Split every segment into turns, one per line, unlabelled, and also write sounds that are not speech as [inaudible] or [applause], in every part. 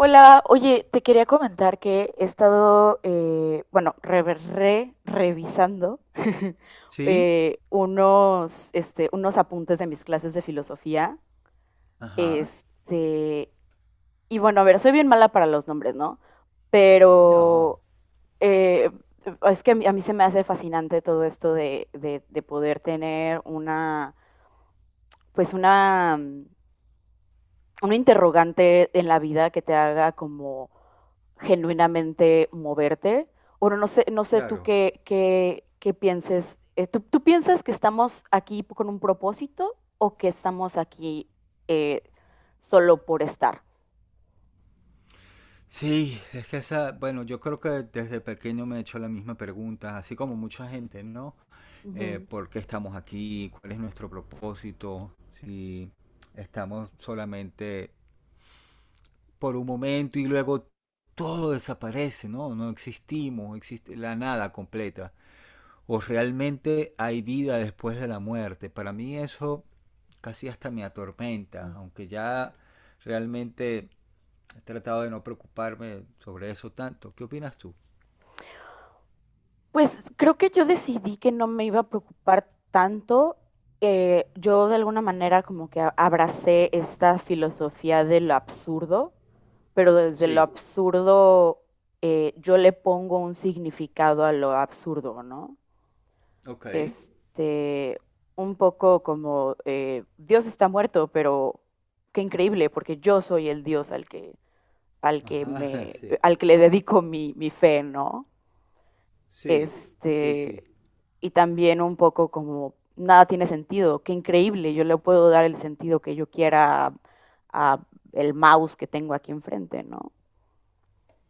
Hola, oye, te quería comentar que he estado, bueno, revisando [laughs]
¿Sí?
unos, unos apuntes de mis clases de filosofía.
Ajá.
Este, y bueno, a ver, soy bien mala para los nombres, ¿no?
No,
Pero eh, es que a mí se me hace fascinante todo esto de, de poder tener una, pues una un interrogante en la vida que te haga como genuinamente moverte. Bueno, no sé, no sé tú
claro.
qué pienses. Tú piensas que estamos aquí con un propósito o que estamos aquí eh, solo por estar?
Sí, es que esa, bueno, yo creo que desde pequeño me he hecho la misma pregunta, así como mucha gente, ¿no?
Ujú.
¿Por qué estamos aquí? ¿Cuál es nuestro propósito? Si estamos solamente por un momento y luego todo desaparece, ¿no? No existimos, existe la nada completa, o realmente hay vida después de la muerte. Para mí eso casi hasta me atormenta, aunque ya realmente he tratado de no preocuparme sobre eso tanto. ¿Qué opinas tú?
Pues, creo que yo decidí que no me iba a preocupar tanto, yo de alguna manera como que a abracé esta filosofía de lo absurdo, pero desde lo
Sí,
absurdo, yo le pongo un significado a lo absurdo, ¿no?
ok.
Este, un poco como, Dios está muerto, pero qué increíble, porque yo soy el Dios al que
Ajá, [laughs]
me
sí.
al que le dedico mi fe, ¿no?
Sí, sí,
Este,
sí.
y también un poco como nada tiene sentido, qué increíble, yo le puedo dar el sentido que yo quiera a el mouse que tengo aquí enfrente, ¿no?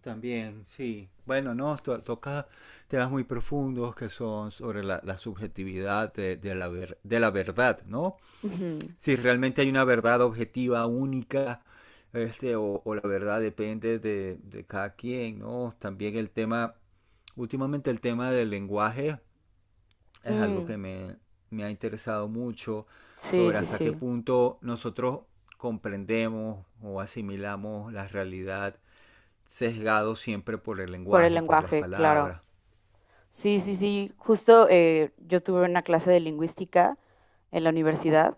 También, sí. Bueno, no, to toca temas muy profundos que son sobre la subjetividad de la ver de la verdad, ¿no?
Ujú.
Si realmente hay una verdad objetiva, única, este, o la verdad depende de cada quien, ¿no? También últimamente el tema del lenguaje es algo que
Mm,
me ha interesado mucho,
sí,
sobre
sí,
hasta qué
sí,
punto nosotros comprendemos o asimilamos la realidad sesgado siempre por el
por el
lenguaje, por las
lenguaje, claro.
palabras.
Sí, sí,
Sí.
sí. Justo yo tuve una clase de lingüística en la universidad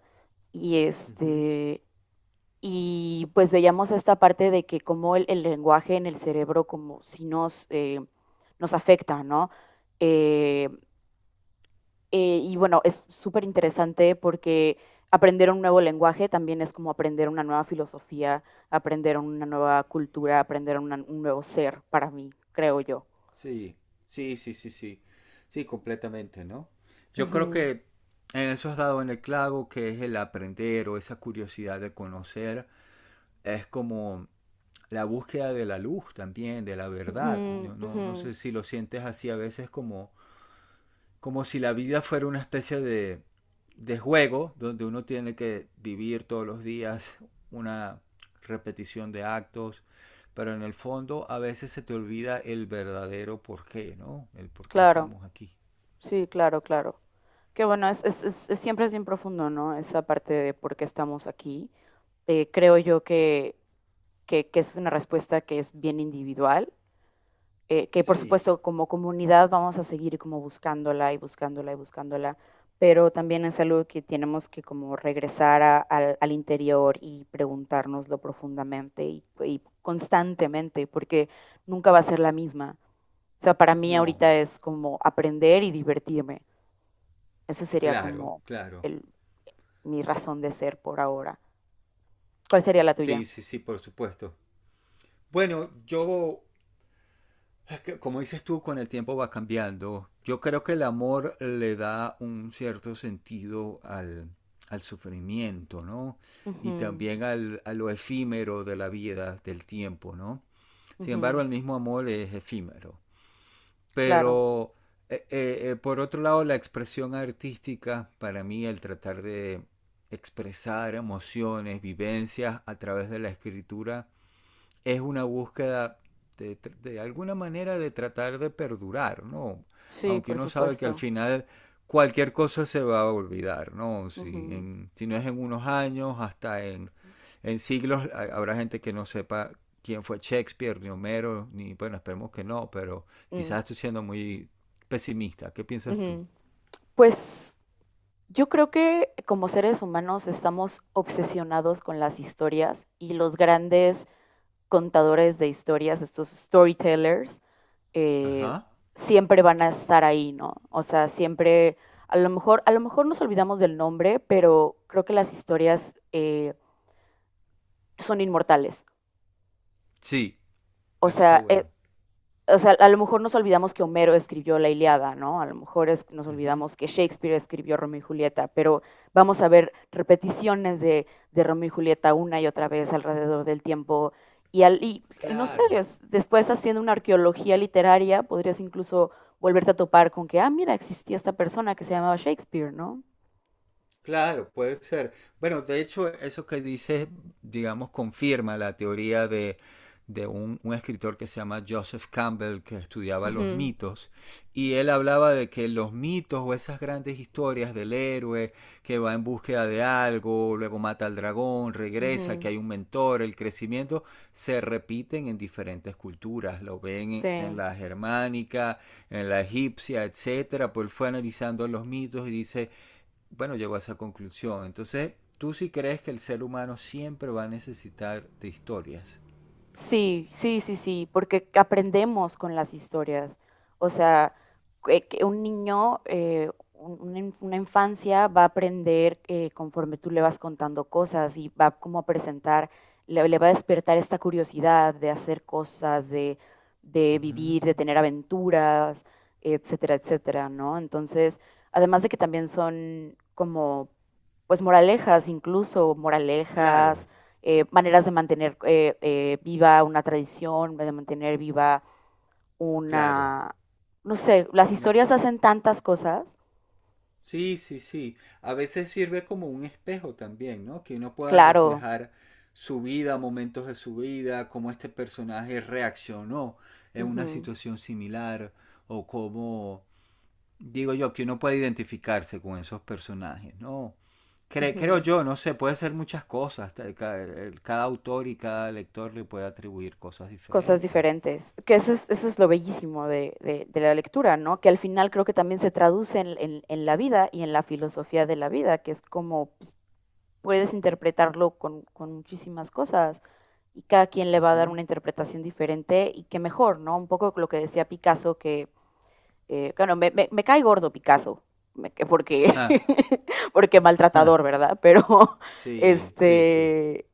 y
Ujú.
y pues veíamos esta parte de que cómo el lenguaje en el cerebro, como si nos, nos afecta, ¿no? Eh, y bueno, es súper interesante porque aprender un nuevo lenguaje también es como aprender una nueva filosofía, aprender una nueva cultura, aprender un nuevo ser para mí, creo yo.
Sí, sí. Sí, completamente, ¿no? Yo creo
Ujú,
que en eso has dado en el clavo, que es el aprender o esa curiosidad de conocer. Es como la búsqueda de la luz también, de la
ujú,
verdad. Yo no
ujú.
sé si lo sientes así a veces, como como si la vida fuera una especie de juego donde uno tiene que vivir todos los días una repetición de actos, pero en el fondo a veces se te olvida el verdadero porqué, ¿no? El por qué
Claro.
estamos aquí.
Sí, claro, claro. Que bueno, siempre es bien profundo, ¿no? Esa parte de por qué estamos aquí. Creo yo que es una respuesta que es bien individual, que por
Sí,
supuesto como comunidad vamos a seguir como buscándola y buscándola y buscándola, pero también es algo que tenemos que como regresar al interior y preguntárnoslo profundamente y constantemente, porque nunca va a ser la misma. O sea, para mí
no,
ahorita es como aprender y divertirme, eso sería
claro,
como
claro.
el, mi razón de ser por ahora. ¿Cuál sería la tuya?
Sí, sí, sí, por supuesto. Bueno, yo, como dices tú, con el tiempo va cambiando. Yo creo que el amor le da un cierto sentido al sufrimiento, ¿no? Y
Ujú,
también a lo efímero de la vida, del tiempo, ¿no? Sin embargo,
ujú,
el mismo amor es efímero.
claro,
Pero, por otro lado, la expresión artística, para mí, el tratar de expresar emociones, vivencias a través de la escritura, es una búsqueda de alguna manera de tratar de perdurar, ¿no?
sí,
Aunque
por
uno sabe que al
supuesto.
final cualquier cosa se va a olvidar, ¿no?
Ujú,
Si no es en unos años, en siglos habrá gente que no sepa quién fue Shakespeare, ni Homero, ni bueno, esperemos que no, pero
mm,
quizás estoy siendo muy pesimista. ¿Qué piensas tú?
ujú. Pues yo creo que como seres humanos estamos obsesionados con las historias y los grandes contadores de historias, estos storytellers, eh,
Ajá.
siempre van a estar ahí, ¿no? O sea, siempre, a lo mejor nos olvidamos del nombre, pero creo que las historias son inmortales.
Sí,
O
eso está
sea, eh,
bueno.
o sea, a lo mejor nos olvidamos que Homero escribió la Ilíada, ¿no? A lo mejor es, nos
Uh -huh.
olvidamos que Shakespeare escribió Romeo y Julieta, pero vamos a ver repeticiones de Romeo y Julieta una y otra vez alrededor del tiempo. Y, al, y no sé,
Claro.
después haciendo una arqueología literaria, podrías incluso volverte a topar con que, ah, mira, existía esta persona que se llamaba Shakespeare, ¿no?
Claro, puede ser. Bueno, de hecho, eso que dices, digamos, confirma la teoría de un escritor que se llama Joseph Campbell, que
Uh
estudiaba los
-huh,
mitos, y él hablaba de que los mitos o esas grandes historias del héroe que va en búsqueda de algo, luego mata al dragón,
uh
regresa, que
-huh,
hay un mentor, el crecimiento, se repiten en diferentes culturas. Lo ven en
sí.
la germánica, en la egipcia, etcétera. Pues él fue analizando los mitos y dice, bueno, llegó a esa conclusión. Entonces, tú sí crees que el ser humano siempre va a necesitar de historias.
Sí, sí, sí, sí, porque aprendemos con las historias. O sea, que un niño, una infancia va a aprender conforme tú le vas contando cosas y va como a presentar, le va a despertar esta curiosidad de hacer cosas, de
Uh-huh.
vivir, de tener aventuras, etcétera, etcétera, ¿no? Entonces, además de que también son como, pues, moralejas, incluso
Claro,
moralejas maneras de mantener viva una tradición, de mantener viva
claro.
una, no sé, las
Una.
historias hacen tantas cosas,
Sí, sí, sí. A veces sirve como un espejo también, ¿no? Que uno pueda
claro,
reflejar su vida, momentos de su vida, cómo este personaje reaccionó en una
ujú,
situación similar, o cómo, digo yo, que uno puede identificarse con esos personajes, ¿no? Creo
ujú,
yo, no sé, puede ser muchas cosas. Cada autor y cada lector le puede atribuir cosas
cosas
diferentes.
diferentes, que eso es lo bellísimo de, de la lectura, ¿no? Que al final creo que también se traduce en, en la vida y en la filosofía de la vida, que es como pues, puedes interpretarlo con muchísimas cosas y cada quien le va a dar
Ujú.
una interpretación diferente y qué mejor, ¿no? Un poco lo que decía Picasso, que bueno, me cae gordo Picasso, porque,
Ja,
[laughs] porque
ja.
maltratador, ¿verdad? Pero, [laughs]
Sí, sí, sí.
este,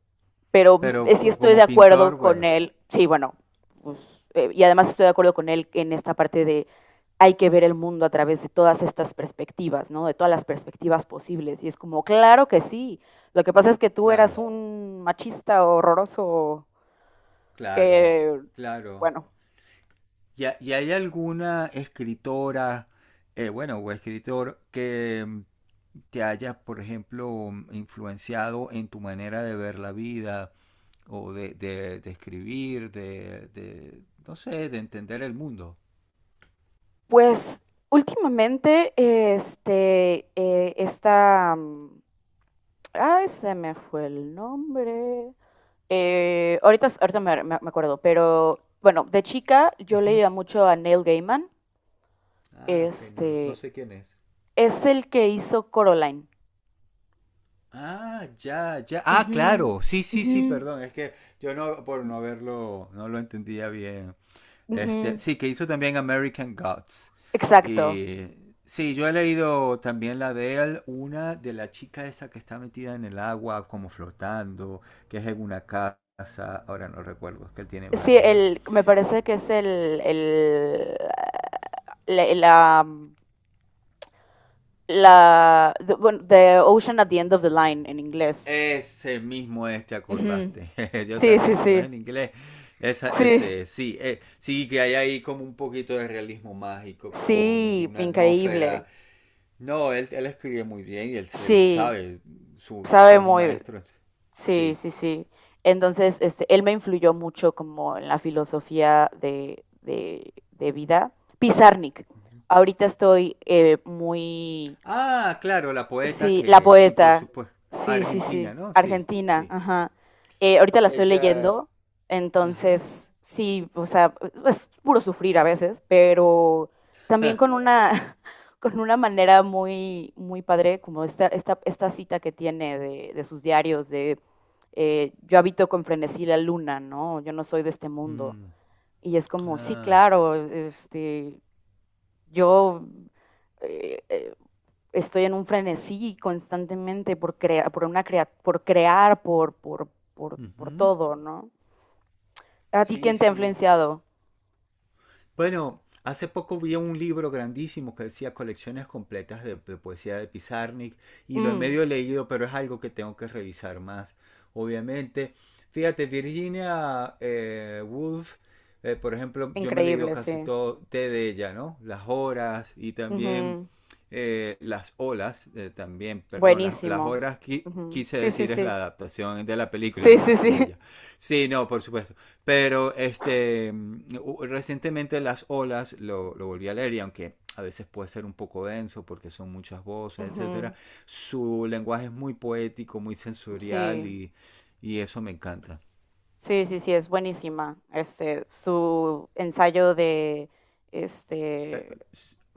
pero
Pero
sí estoy de
como
acuerdo
pintor,
con
bueno,
él, sí, bueno, pues, y además estoy de acuerdo con él en esta parte de hay que ver el mundo a través de todas estas perspectivas, ¿no? De todas las perspectivas posibles. Y es como, claro que sí. Lo que pasa es que tú eras
claro.
un machista horroroso
Claro,
que,
claro.
bueno,
¿Y y hay alguna escritora, bueno, o escritor que te haya, por ejemplo, influenciado en tu manera de ver la vida o de, de escribir, de, no sé, de entender el mundo?
pues últimamente, este, esta, mm, ay, se me fue el nombre. Ahorita me acuerdo, pero bueno, de chica yo
Ujú.
leía mucho a Neil Gaiman.
Ah, ok, no, no
Este,
sé quién es.
es el que hizo Coraline.
Ah, ya, ya. Ah,
Ujú,
claro. Sí, sí,
ujú,
sí, perdón. Es que yo no, por no verlo, no lo entendía bien. Este,
ujú.
sí, que hizo también American Gods.
Exacto.
Y sí, yo he leído también la de él, una de la chica esa que está metida en el agua, como flotando, que es en una casa, ahora no recuerdo, es que él tiene
Sí,
varios, ¿no?
me parece que es el, la, la, la- the, bueno, the Ocean at the End of the Line en inglés.
Ese mismo es, te
Ujú.
acordaste. [laughs] Yo
Sí,
también,
sí,
si no es
sí.
en inglés,
Sí,
ese es. Sí, sí que hay ahí como un poquito de realismo mágico, con de
sí,
una
increíble.
atmósfera. No, él escribe muy bien y él
Sí,
sabe, su, o
sabe
sea, es un
muy,
maestro.
sí,
Sí.
sí, sí. Entonces, este, él me influyó mucho como en la filosofía de vida. Pizarnik.
Ujú.
Ahorita estoy muy
Ah, claro, la poeta
sí, la
que, sí, por
poeta.
supuesto,
Sí, sí, sí.
argentina, ¿no? Sí,
Argentina,
sí.
ajá. Ahorita la estoy
Ella,
leyendo,
ajá.
entonces sí, o sea, es puro sufrir a veces, pero también con una, [laughs] con una manera muy padre, como esta cita que tiene de sus diarios, de yo habito con frenesí la luna, ¿no? Yo no soy de este mundo.
Mm,
Y es como, sí,
ah,
claro, este, yo eh, eh, estoy en un frenesí constantemente por crear,
ujú.
todo, ¿no? ¿A ti
Sí,
quién te ha
sí.
influenciado?
Bueno, hace poco vi un libro grandísimo que decía colecciones completas de poesía de Pizarnik, y lo he
Mm,
medio leído, pero es algo que tengo que revisar más, obviamente. Fíjate, Virginia Woolf, por ejemplo, yo me he leído
increíble,
casi
sí.
todo té de ella, ¿no? Las horas y
Uh
también
-huh.
las olas, también, perdón, las
Buenísimo.
horas
Uh -huh.
quise
Sí, sí,
decir, es
sí.
la adaptación de la película,
Sí,
no lo
sí, sí.
escribió
[laughs]
ella. Sí, no, por supuesto. Pero este, recientemente las olas lo volví a leer, y aunque a veces puede ser un poco denso porque son muchas
Uh
voces,
-huh.
etcétera, su lenguaje es muy poético, muy sensorial,
Sí,
y eso me encanta.
sí, sí, sí, es buenísima. Este, su ensayo de,
Eh,
este,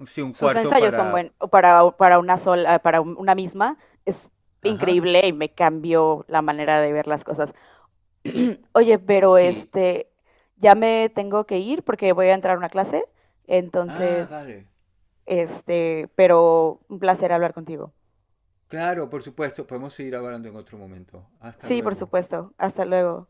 Sí, un
sus
cuarto
ensayos son
para...
buenos para, para una sola, para una misma, es
Ajá,
increíble y me cambió la manera de ver las cosas. [clears throat] Oye, pero
sí.
este, ya me tengo que ir porque voy a entrar a una clase,
Ah,
entonces,
vale.
este, pero un placer hablar contigo.
Claro, por supuesto, podemos seguir hablando en otro momento. Hasta
Sí, por
luego.
supuesto. Hasta luego.